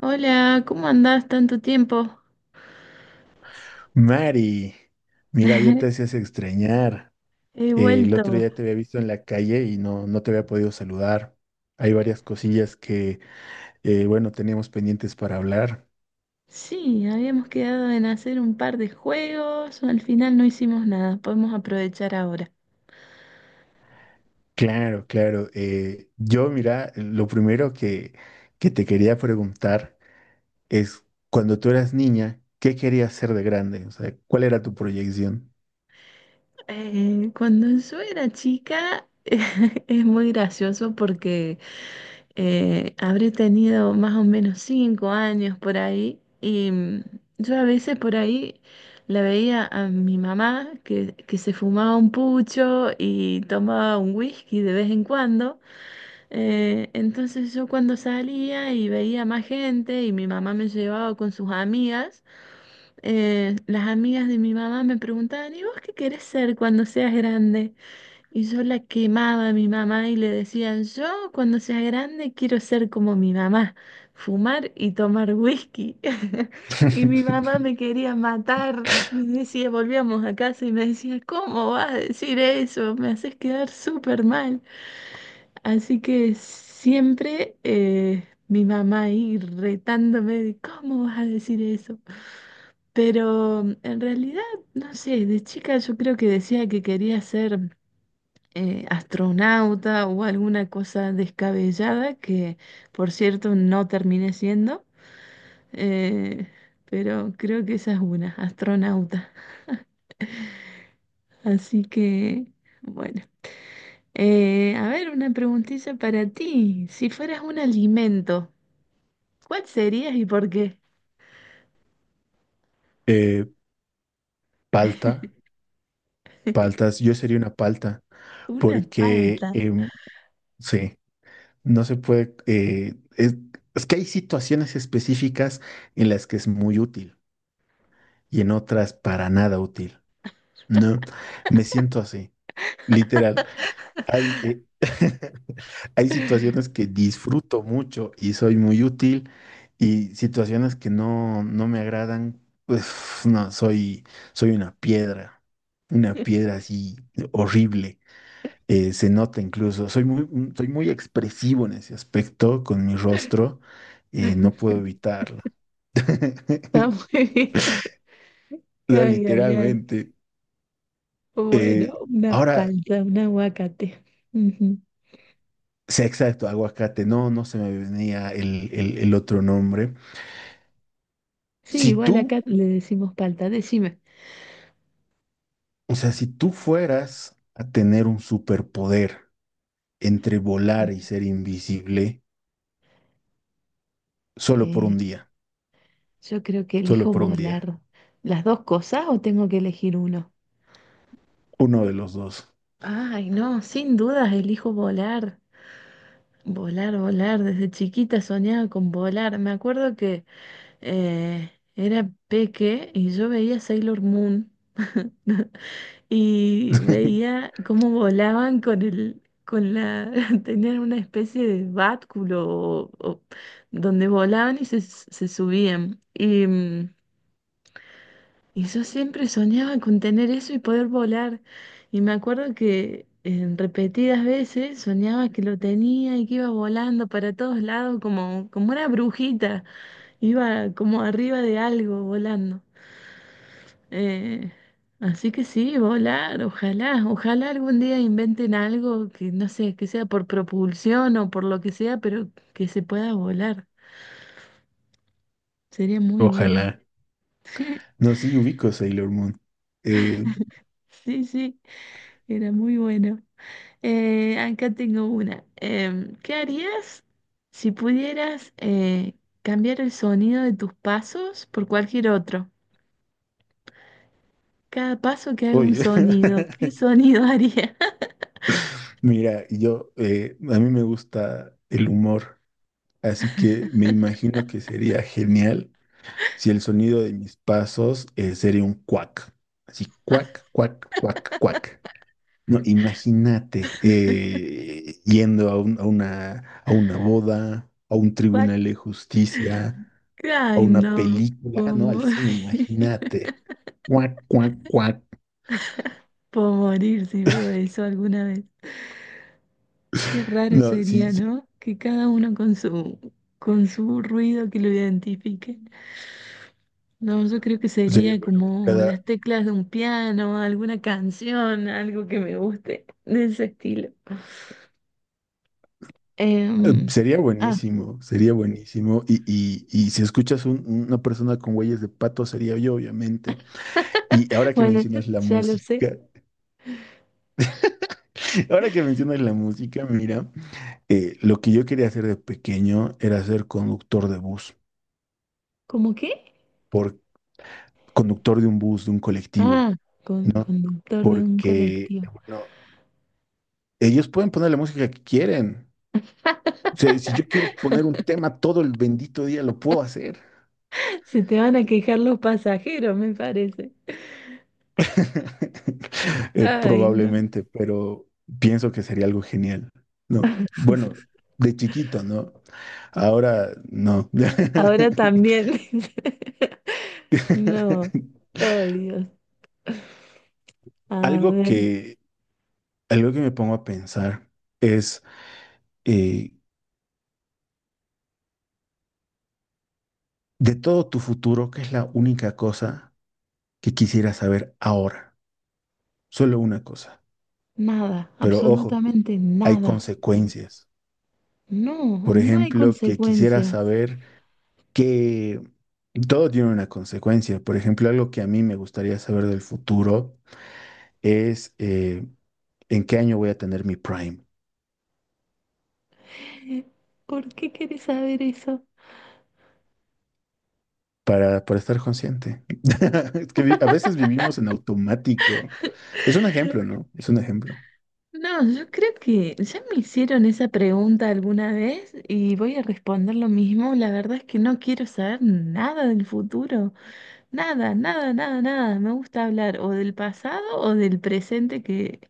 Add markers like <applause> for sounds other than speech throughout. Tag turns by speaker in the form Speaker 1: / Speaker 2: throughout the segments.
Speaker 1: Hola, ¿cómo andás tanto tiempo?
Speaker 2: Mari, mira, ya te
Speaker 1: <laughs>
Speaker 2: hacías extrañar.
Speaker 1: He
Speaker 2: El otro
Speaker 1: vuelto.
Speaker 2: día te había visto en la calle y no te había podido saludar. Hay varias cosillas que, bueno, teníamos pendientes para hablar.
Speaker 1: Sí, habíamos quedado en hacer un par de juegos, al final no hicimos nada, podemos aprovechar ahora.
Speaker 2: Claro, claro. Yo, mira, lo primero que te quería preguntar es, cuando tú eras niña, ¿qué querías ser de grande? O sea, ¿cuál era tu proyección?
Speaker 1: Cuando yo era chica <laughs> es muy gracioso porque habré tenido más o menos 5 años por ahí y yo a veces por ahí la veía a mi mamá que se fumaba un pucho y tomaba un whisky de vez en cuando. Entonces yo cuando salía y veía más gente y mi mamá me llevaba con sus amigas, las amigas de mi mamá me preguntaban, ¿y vos qué querés ser cuando seas grande? Y yo la quemaba a mi mamá y le decían, yo cuando sea grande quiero ser como mi mamá, fumar y tomar whisky. <laughs> Y mi mamá
Speaker 2: <laughs>
Speaker 1: me quería matar. Me decía, volvíamos a casa y me decía, ¿cómo vas a decir eso? Me haces quedar súper mal. Así que siempre mi mamá ahí retándome de cómo vas a decir eso. Pero en realidad, no sé, de chica yo creo que decía que quería ser astronauta o alguna cosa descabellada, que por cierto no terminé siendo, eh, pero creo que esa es una, astronauta. Así que, bueno. A ver, una preguntita para ti. Si fueras un alimento, ¿cuál serías y por qué?
Speaker 2: Eh, Palta, paltas, yo sería una palta,
Speaker 1: Una
Speaker 2: porque,
Speaker 1: palta.
Speaker 2: sí. No se puede, es que hay situaciones específicas en las que es muy útil y en otras para nada útil, ¿no? Me siento así, literal. Hay, <laughs> hay situaciones que disfruto mucho y soy muy útil y situaciones que no, no me agradan, pues no, soy, soy una piedra así horrible se nota incluso, soy muy, soy muy expresivo en ese aspecto con mi rostro, no
Speaker 1: <laughs>
Speaker 2: puedo evitarlo.
Speaker 1: Está
Speaker 2: <laughs>
Speaker 1: muy bien.
Speaker 2: O sea,
Speaker 1: Ay, ay, ay.
Speaker 2: literalmente.
Speaker 1: Bueno,
Speaker 2: Eh,
Speaker 1: una
Speaker 2: Ahora,
Speaker 1: palta, un aguacate. Ujú.
Speaker 2: sea exacto, aguacate, no, no se me venía el otro nombre.
Speaker 1: Sí,
Speaker 2: Si
Speaker 1: igual
Speaker 2: tú,
Speaker 1: acá le decimos palta. Decime,
Speaker 2: o sea, si tú fueras a tener un superpoder entre volar y ser invisible, solo por
Speaker 1: eh,
Speaker 2: un día,
Speaker 1: yo creo que
Speaker 2: solo
Speaker 1: elijo
Speaker 2: por un día,
Speaker 1: volar. ¿Las dos cosas o tengo que elegir uno?
Speaker 2: uno de los dos.
Speaker 1: Ay, no, sin dudas elijo volar. Volar, volar. Desde chiquita soñaba con volar. Me acuerdo que era peque y yo veía Sailor Moon. <laughs> Y
Speaker 2: <laughs>
Speaker 1: veía cómo volaban con el, con la, <laughs> tenían una especie de báculo o donde volaban y se subían. Y, y yo siempre soñaba con tener eso y poder volar. Y me acuerdo que en repetidas veces soñaba que lo tenía y que iba volando para todos lados como, como una brujita, iba como arriba de algo volando. Eh, Así que sí, volar, ojalá, ojalá algún día inventen algo que no sé, que sea por propulsión o por lo que sea, pero que se pueda volar. Sería muy bueno.
Speaker 2: Ojalá.
Speaker 1: <laughs>
Speaker 2: No, sí, ubico Sailor Moon. Eh,
Speaker 1: Sí, sí, era muy bueno. Acá tengo una. ¿Qué harías si pudieras cambiar el sonido de tus pasos por cualquier otro? Cada paso que haga un
Speaker 2: oye,
Speaker 1: sonido, ¿qué
Speaker 2: <laughs>
Speaker 1: sonido haría?
Speaker 2: mira, yo, a mí me gusta el humor, así que me imagino que sería genial si el sonido de mis pasos sería un cuac, así cuac, cuac, cuac, cuac. No, imagínate yendo a, a una boda, a un tribunal
Speaker 1: <laughs>
Speaker 2: de justicia, a
Speaker 1: Ay,
Speaker 2: una
Speaker 1: no,
Speaker 2: película, ¿no? Al
Speaker 1: ¿cómo?
Speaker 2: cine,
Speaker 1: <laughs>
Speaker 2: imagínate. Cuac, cuac, cuac.
Speaker 1: Puedo morir si veo eso alguna vez. Qué raro
Speaker 2: No, sí,
Speaker 1: sería,
Speaker 2: sí.
Speaker 1: ¿no? Que cada uno con su ruido que lo identifique. No, yo creo que
Speaker 2: Sería
Speaker 1: sería
Speaker 2: bueno que
Speaker 1: como
Speaker 2: cada...
Speaker 1: las teclas de un piano, alguna canción, algo que me guste de ese estilo. Em,
Speaker 2: Sería
Speaker 1: ah,
Speaker 2: buenísimo, sería buenísimo. Y si escuchas una persona con huellas de pato, sería yo, obviamente.
Speaker 1: <laughs>
Speaker 2: Y ahora que
Speaker 1: bueno,
Speaker 2: mencionas la
Speaker 1: ya lo sé.
Speaker 2: música, <laughs> ahora que mencionas la música, mira, lo que yo quería hacer de pequeño era ser conductor de bus,
Speaker 1: ¿Cómo qué?
Speaker 2: por, conductor de un bus, de un colectivo,
Speaker 1: Ah, con,
Speaker 2: ¿no?
Speaker 1: conductor de un
Speaker 2: Porque,
Speaker 1: colectivo.
Speaker 2: bueno, ellos pueden poner la música que quieren. O sea, si yo quiero poner un tema todo el bendito día, lo puedo hacer.
Speaker 1: <laughs> Se te van a quejar los pasajeros, me parece.
Speaker 2: <laughs>
Speaker 1: Ay, no.
Speaker 2: Probablemente, pero pienso que sería algo genial. No, bueno, de chiquito, ¿no? Ahora no. <laughs>
Speaker 1: Ahora también. <laughs> No. Ay, Dios. A
Speaker 2: Algo
Speaker 1: ver,
Speaker 2: que, algo que me pongo a pensar es eh, de todo tu futuro, ¿qué es la única cosa que quisiera saber ahora? Solo una cosa.
Speaker 1: nada,
Speaker 2: Pero ojo,
Speaker 1: absolutamente
Speaker 2: hay
Speaker 1: nada.
Speaker 2: consecuencias.
Speaker 1: No,
Speaker 2: Por
Speaker 1: no hay
Speaker 2: ejemplo, que quisiera
Speaker 1: consecuencias.
Speaker 2: saber que todo tiene una consecuencia. Por ejemplo, algo que a mí me gustaría saber del futuro es en qué año voy a tener mi Prime
Speaker 1: ¿Por qué querés saber eso?
Speaker 2: para estar consciente. <laughs> Es que a veces vivimos en automático. Es un ejemplo, ¿no? Es un ejemplo.
Speaker 1: No, yo creo que ya me hicieron esa pregunta alguna vez y voy a responder lo mismo. La verdad es que no quiero saber nada del futuro. Nada, nada, nada, nada. Me gusta hablar o del pasado o del presente que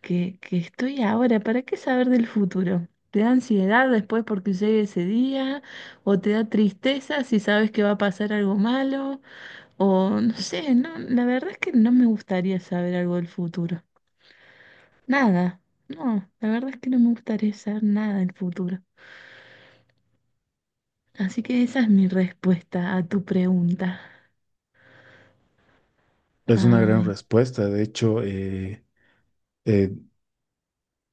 Speaker 1: que, que estoy ahora. ¿Para qué saber del futuro? ¿Te da ansiedad después porque llegue ese día? ¿O te da tristeza si sabes que va a pasar algo malo? O no sé, no, la verdad es que no me gustaría saber algo del futuro. Nada. No, la verdad es que no me gustaría saber nada del futuro. Así que esa es mi respuesta a tu pregunta.
Speaker 2: Es una gran
Speaker 1: Ay,
Speaker 2: respuesta. De hecho, eh,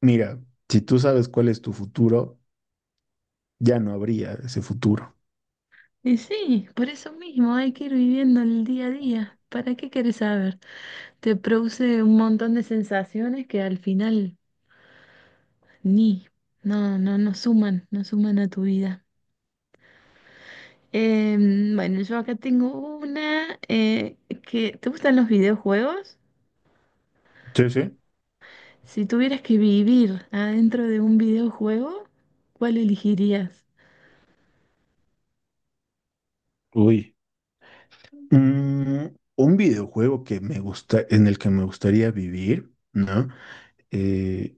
Speaker 2: mira, si tú sabes cuál es tu futuro, ya no habría ese futuro.
Speaker 1: y sí, por eso mismo hay que ir viviendo el día a día. ¿Para qué quieres saber? Te produce un montón de sensaciones que al final ni, no, no, no suman, no suman a tu vida. Bueno, yo acá tengo una que... ¿Te gustan los videojuegos?
Speaker 2: Sí, sí.
Speaker 1: Si tuvieras que vivir adentro de un videojuego, ¿cuál elegirías?
Speaker 2: Uy. Mm, un videojuego que me gusta, en el que me gustaría vivir, ¿no? Eh,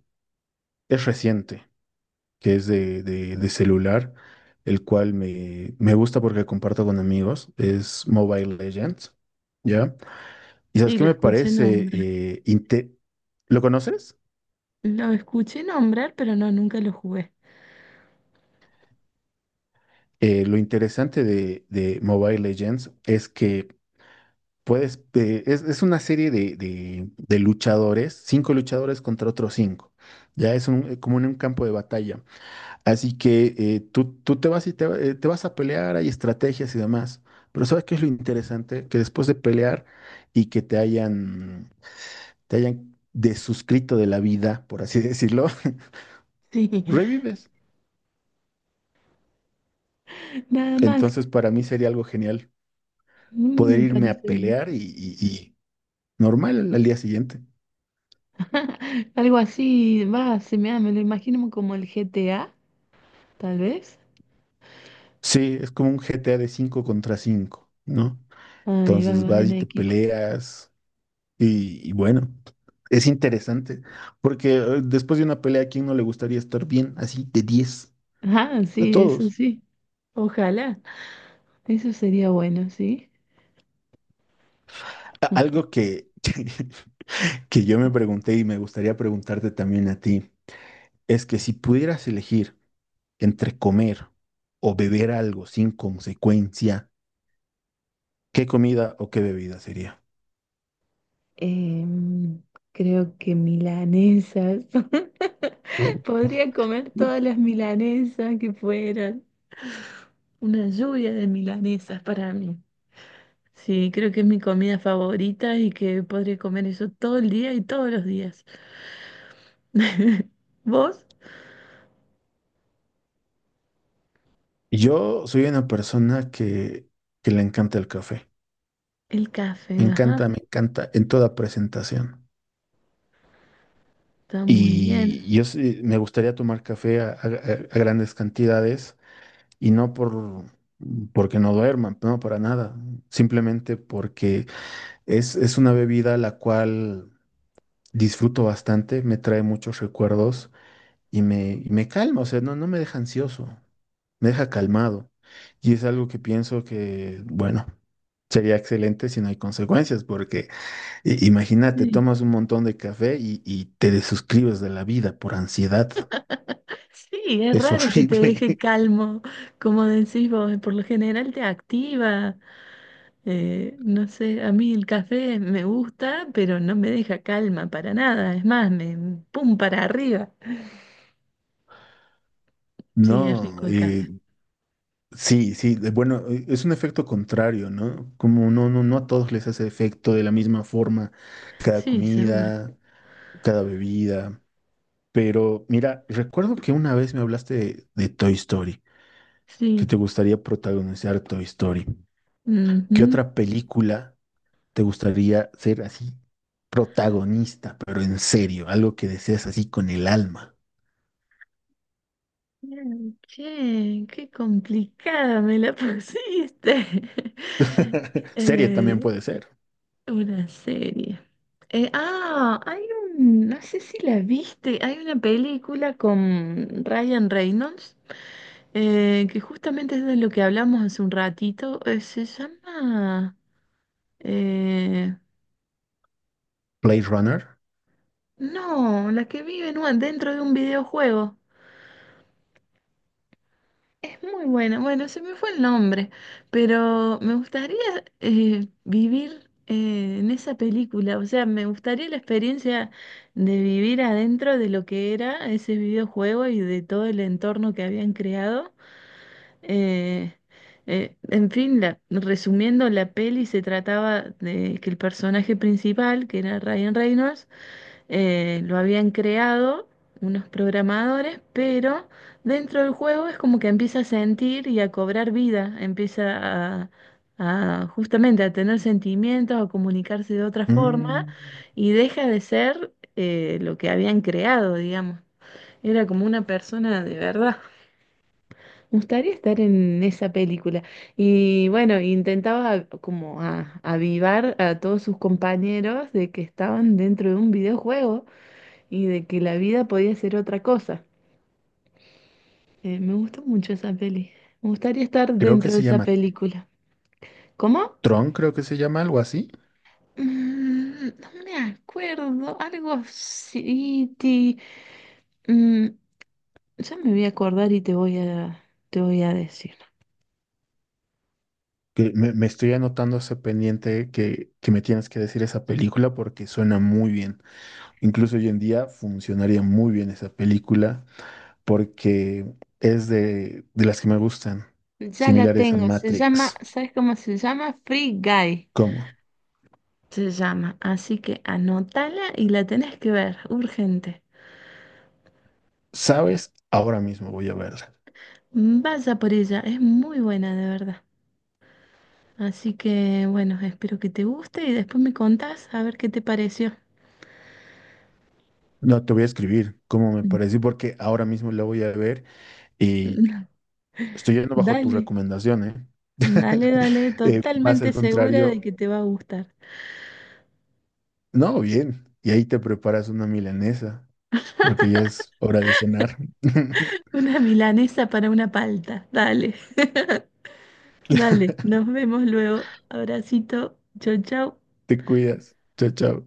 Speaker 2: es reciente, que es de celular, el cual me, me gusta porque comparto con amigos, es Mobile Legends, ¿ya? ¿Y sabes
Speaker 1: Sí,
Speaker 2: qué
Speaker 1: lo
Speaker 2: me
Speaker 1: escuché
Speaker 2: parece?
Speaker 1: nombrar.
Speaker 2: ¿Lo conoces?
Speaker 1: Lo escuché nombrar, pero no, nunca lo jugué.
Speaker 2: Lo interesante de Mobile Legends es que puedes, es una serie de luchadores, cinco luchadores contra otros cinco. Ya es un, como en un campo de batalla. Así que tú, tú te vas y te vas a pelear, hay estrategias y demás. Pero ¿sabes qué es lo interesante? Que después de pelear y que te hayan desuscrito de la vida, por así decirlo,
Speaker 1: Sí,
Speaker 2: <laughs> revives.
Speaker 1: <laughs> nada más.
Speaker 2: Entonces para mí sería algo genial
Speaker 1: Mm,
Speaker 2: poder
Speaker 1: me
Speaker 2: irme a
Speaker 1: parece bien.
Speaker 2: pelear y normal al día siguiente.
Speaker 1: <laughs> Algo así, va, se me, da, me lo imagino como el GTA, tal vez.
Speaker 2: Sí, es como un GTA de 5 contra 5, ¿no?
Speaker 1: Ahí va,
Speaker 2: Entonces
Speaker 1: vas
Speaker 2: vas
Speaker 1: en
Speaker 2: y te
Speaker 1: equipo.
Speaker 2: peleas y bueno, es interesante, porque después de una pelea, ¿a quién no le gustaría estar bien así de diez?
Speaker 1: Ah,
Speaker 2: A
Speaker 1: sí, eso
Speaker 2: todos.
Speaker 1: sí. Ojalá, eso sería bueno, ¿sí?
Speaker 2: Algo que, <laughs> que yo me pregunté y me gustaría preguntarte también a ti, es que si pudieras elegir entre comer o beber algo sin consecuencia, ¿qué comida o qué bebida sería?
Speaker 1: Em, creo que milanesas.
Speaker 2: Uh.
Speaker 1: <laughs> Podría comer todas las milanesas que fueran. Una lluvia de milanesas para mí. Sí, creo que es mi comida favorita y que podría comer eso todo el día y todos los días. <laughs> ¿Vos?
Speaker 2: Yo soy una persona que le encanta el café.
Speaker 1: El café, ajá,
Speaker 2: Me encanta en toda presentación.
Speaker 1: está muy bien.
Speaker 2: Y yo me gustaría tomar café a grandes cantidades y no por porque no duerman, no para nada. Simplemente porque es una bebida la cual disfruto bastante, me trae muchos recuerdos y me calma. O sea, no, no me deja ansioso, me deja calmado. Y es algo que pienso que, bueno. Sería excelente si no hay consecuencias, porque imagínate,
Speaker 1: Sí.
Speaker 2: tomas un montón de café y te desuscribes de la vida por ansiedad.
Speaker 1: Sí, es
Speaker 2: Es
Speaker 1: raro que te
Speaker 2: horrible.
Speaker 1: deje
Speaker 2: <laughs>
Speaker 1: calmo, como decís vos, por lo general te activa. No sé, a mí el café me gusta, pero no me deja calma para nada, es más, me pum para arriba. Sí, es
Speaker 2: No,
Speaker 1: rico el café.
Speaker 2: sí, sí, bueno, es un efecto contrario, ¿no? Como no, no, no a todos les hace efecto de la misma forma cada
Speaker 1: Sí, seguro.
Speaker 2: comida, cada bebida. Pero mira, recuerdo que una vez me hablaste de Toy Story, que
Speaker 1: Sí.
Speaker 2: te gustaría protagonizar Toy Story. ¿Qué
Speaker 1: Ujú.
Speaker 2: otra película te gustaría ser así protagonista, pero en serio, algo que deseas así con el alma?
Speaker 1: Bien, che, qué complicada me la pusiste. <laughs>
Speaker 2: <laughs> Serie también
Speaker 1: Eh,
Speaker 2: puede ser.
Speaker 1: una serie. Hay un, no sé si la viste, hay una película con Ryan Reynolds, que justamente es de lo que hablamos hace un ratito, se llama, eh,
Speaker 2: Blade Runner.
Speaker 1: no, la que vive en dentro de un videojuego. Es muy buena. Bueno, se me fue el nombre, pero me gustaría vivir en esa película. O sea, me gustaría la experiencia de vivir adentro de lo que era ese videojuego y de todo el entorno que habían creado. Eh, en fin, resumiendo, la peli se trataba de que el personaje principal, que era Ryan Reynolds, lo habían creado unos programadores, pero dentro del juego es como que empieza a sentir y a cobrar vida, empieza a, a justamente a tener sentimientos, a comunicarse de otra forma
Speaker 2: Mm,
Speaker 1: y deja de ser lo que habían creado, digamos. Era como una persona de verdad. Me gustaría estar en esa película. Y bueno, intentaba como avivar a todos sus compañeros de que estaban dentro de un videojuego y de que la vida podía ser otra cosa. Me gustó mucho esa peli. Me gustaría estar
Speaker 2: creo que
Speaker 1: dentro de
Speaker 2: se
Speaker 1: esa
Speaker 2: llama
Speaker 1: película. ¿Cómo?
Speaker 2: Tron, creo que se llama algo así.
Speaker 1: Mm, no me acuerdo, algo así. Mm, ya me voy a acordar y te voy a decir.
Speaker 2: Que me estoy anotando ese pendiente que me tienes que decir esa película porque suena muy bien. Incluso hoy en día funcionaría muy bien esa película porque es de las que me gustan,
Speaker 1: Ya la
Speaker 2: similares a
Speaker 1: tengo, se llama,
Speaker 2: Matrix.
Speaker 1: ¿sabes cómo se llama? Free Guy.
Speaker 2: ¿Cómo?
Speaker 1: Se llama, así que anótala y la tenés que ver, urgente.
Speaker 2: ¿Sabes? Ahora mismo voy a verla.
Speaker 1: Vaya por ella, es muy buena de verdad. Así que bueno, espero que te guste y después me contás a ver qué te pareció.
Speaker 2: No, te voy a escribir cómo me
Speaker 1: Mm.
Speaker 2: pareció, porque ahora mismo la voy a ver y
Speaker 1: <laughs>
Speaker 2: estoy yendo bajo tu
Speaker 1: Dale.
Speaker 2: recomendación, ¿eh?
Speaker 1: Dale, dale,
Speaker 2: <laughs> Más
Speaker 1: totalmente
Speaker 2: al
Speaker 1: segura de
Speaker 2: contrario,
Speaker 1: que te va a gustar.
Speaker 2: no, bien. Y ahí te preparas una milanesa, porque ya es hora de cenar. <laughs>
Speaker 1: Una milanesa para una palta. Dale, <laughs> dale. Nos vemos luego. Abracito. Chau, chau.
Speaker 2: Te cuidas. Chao, chao.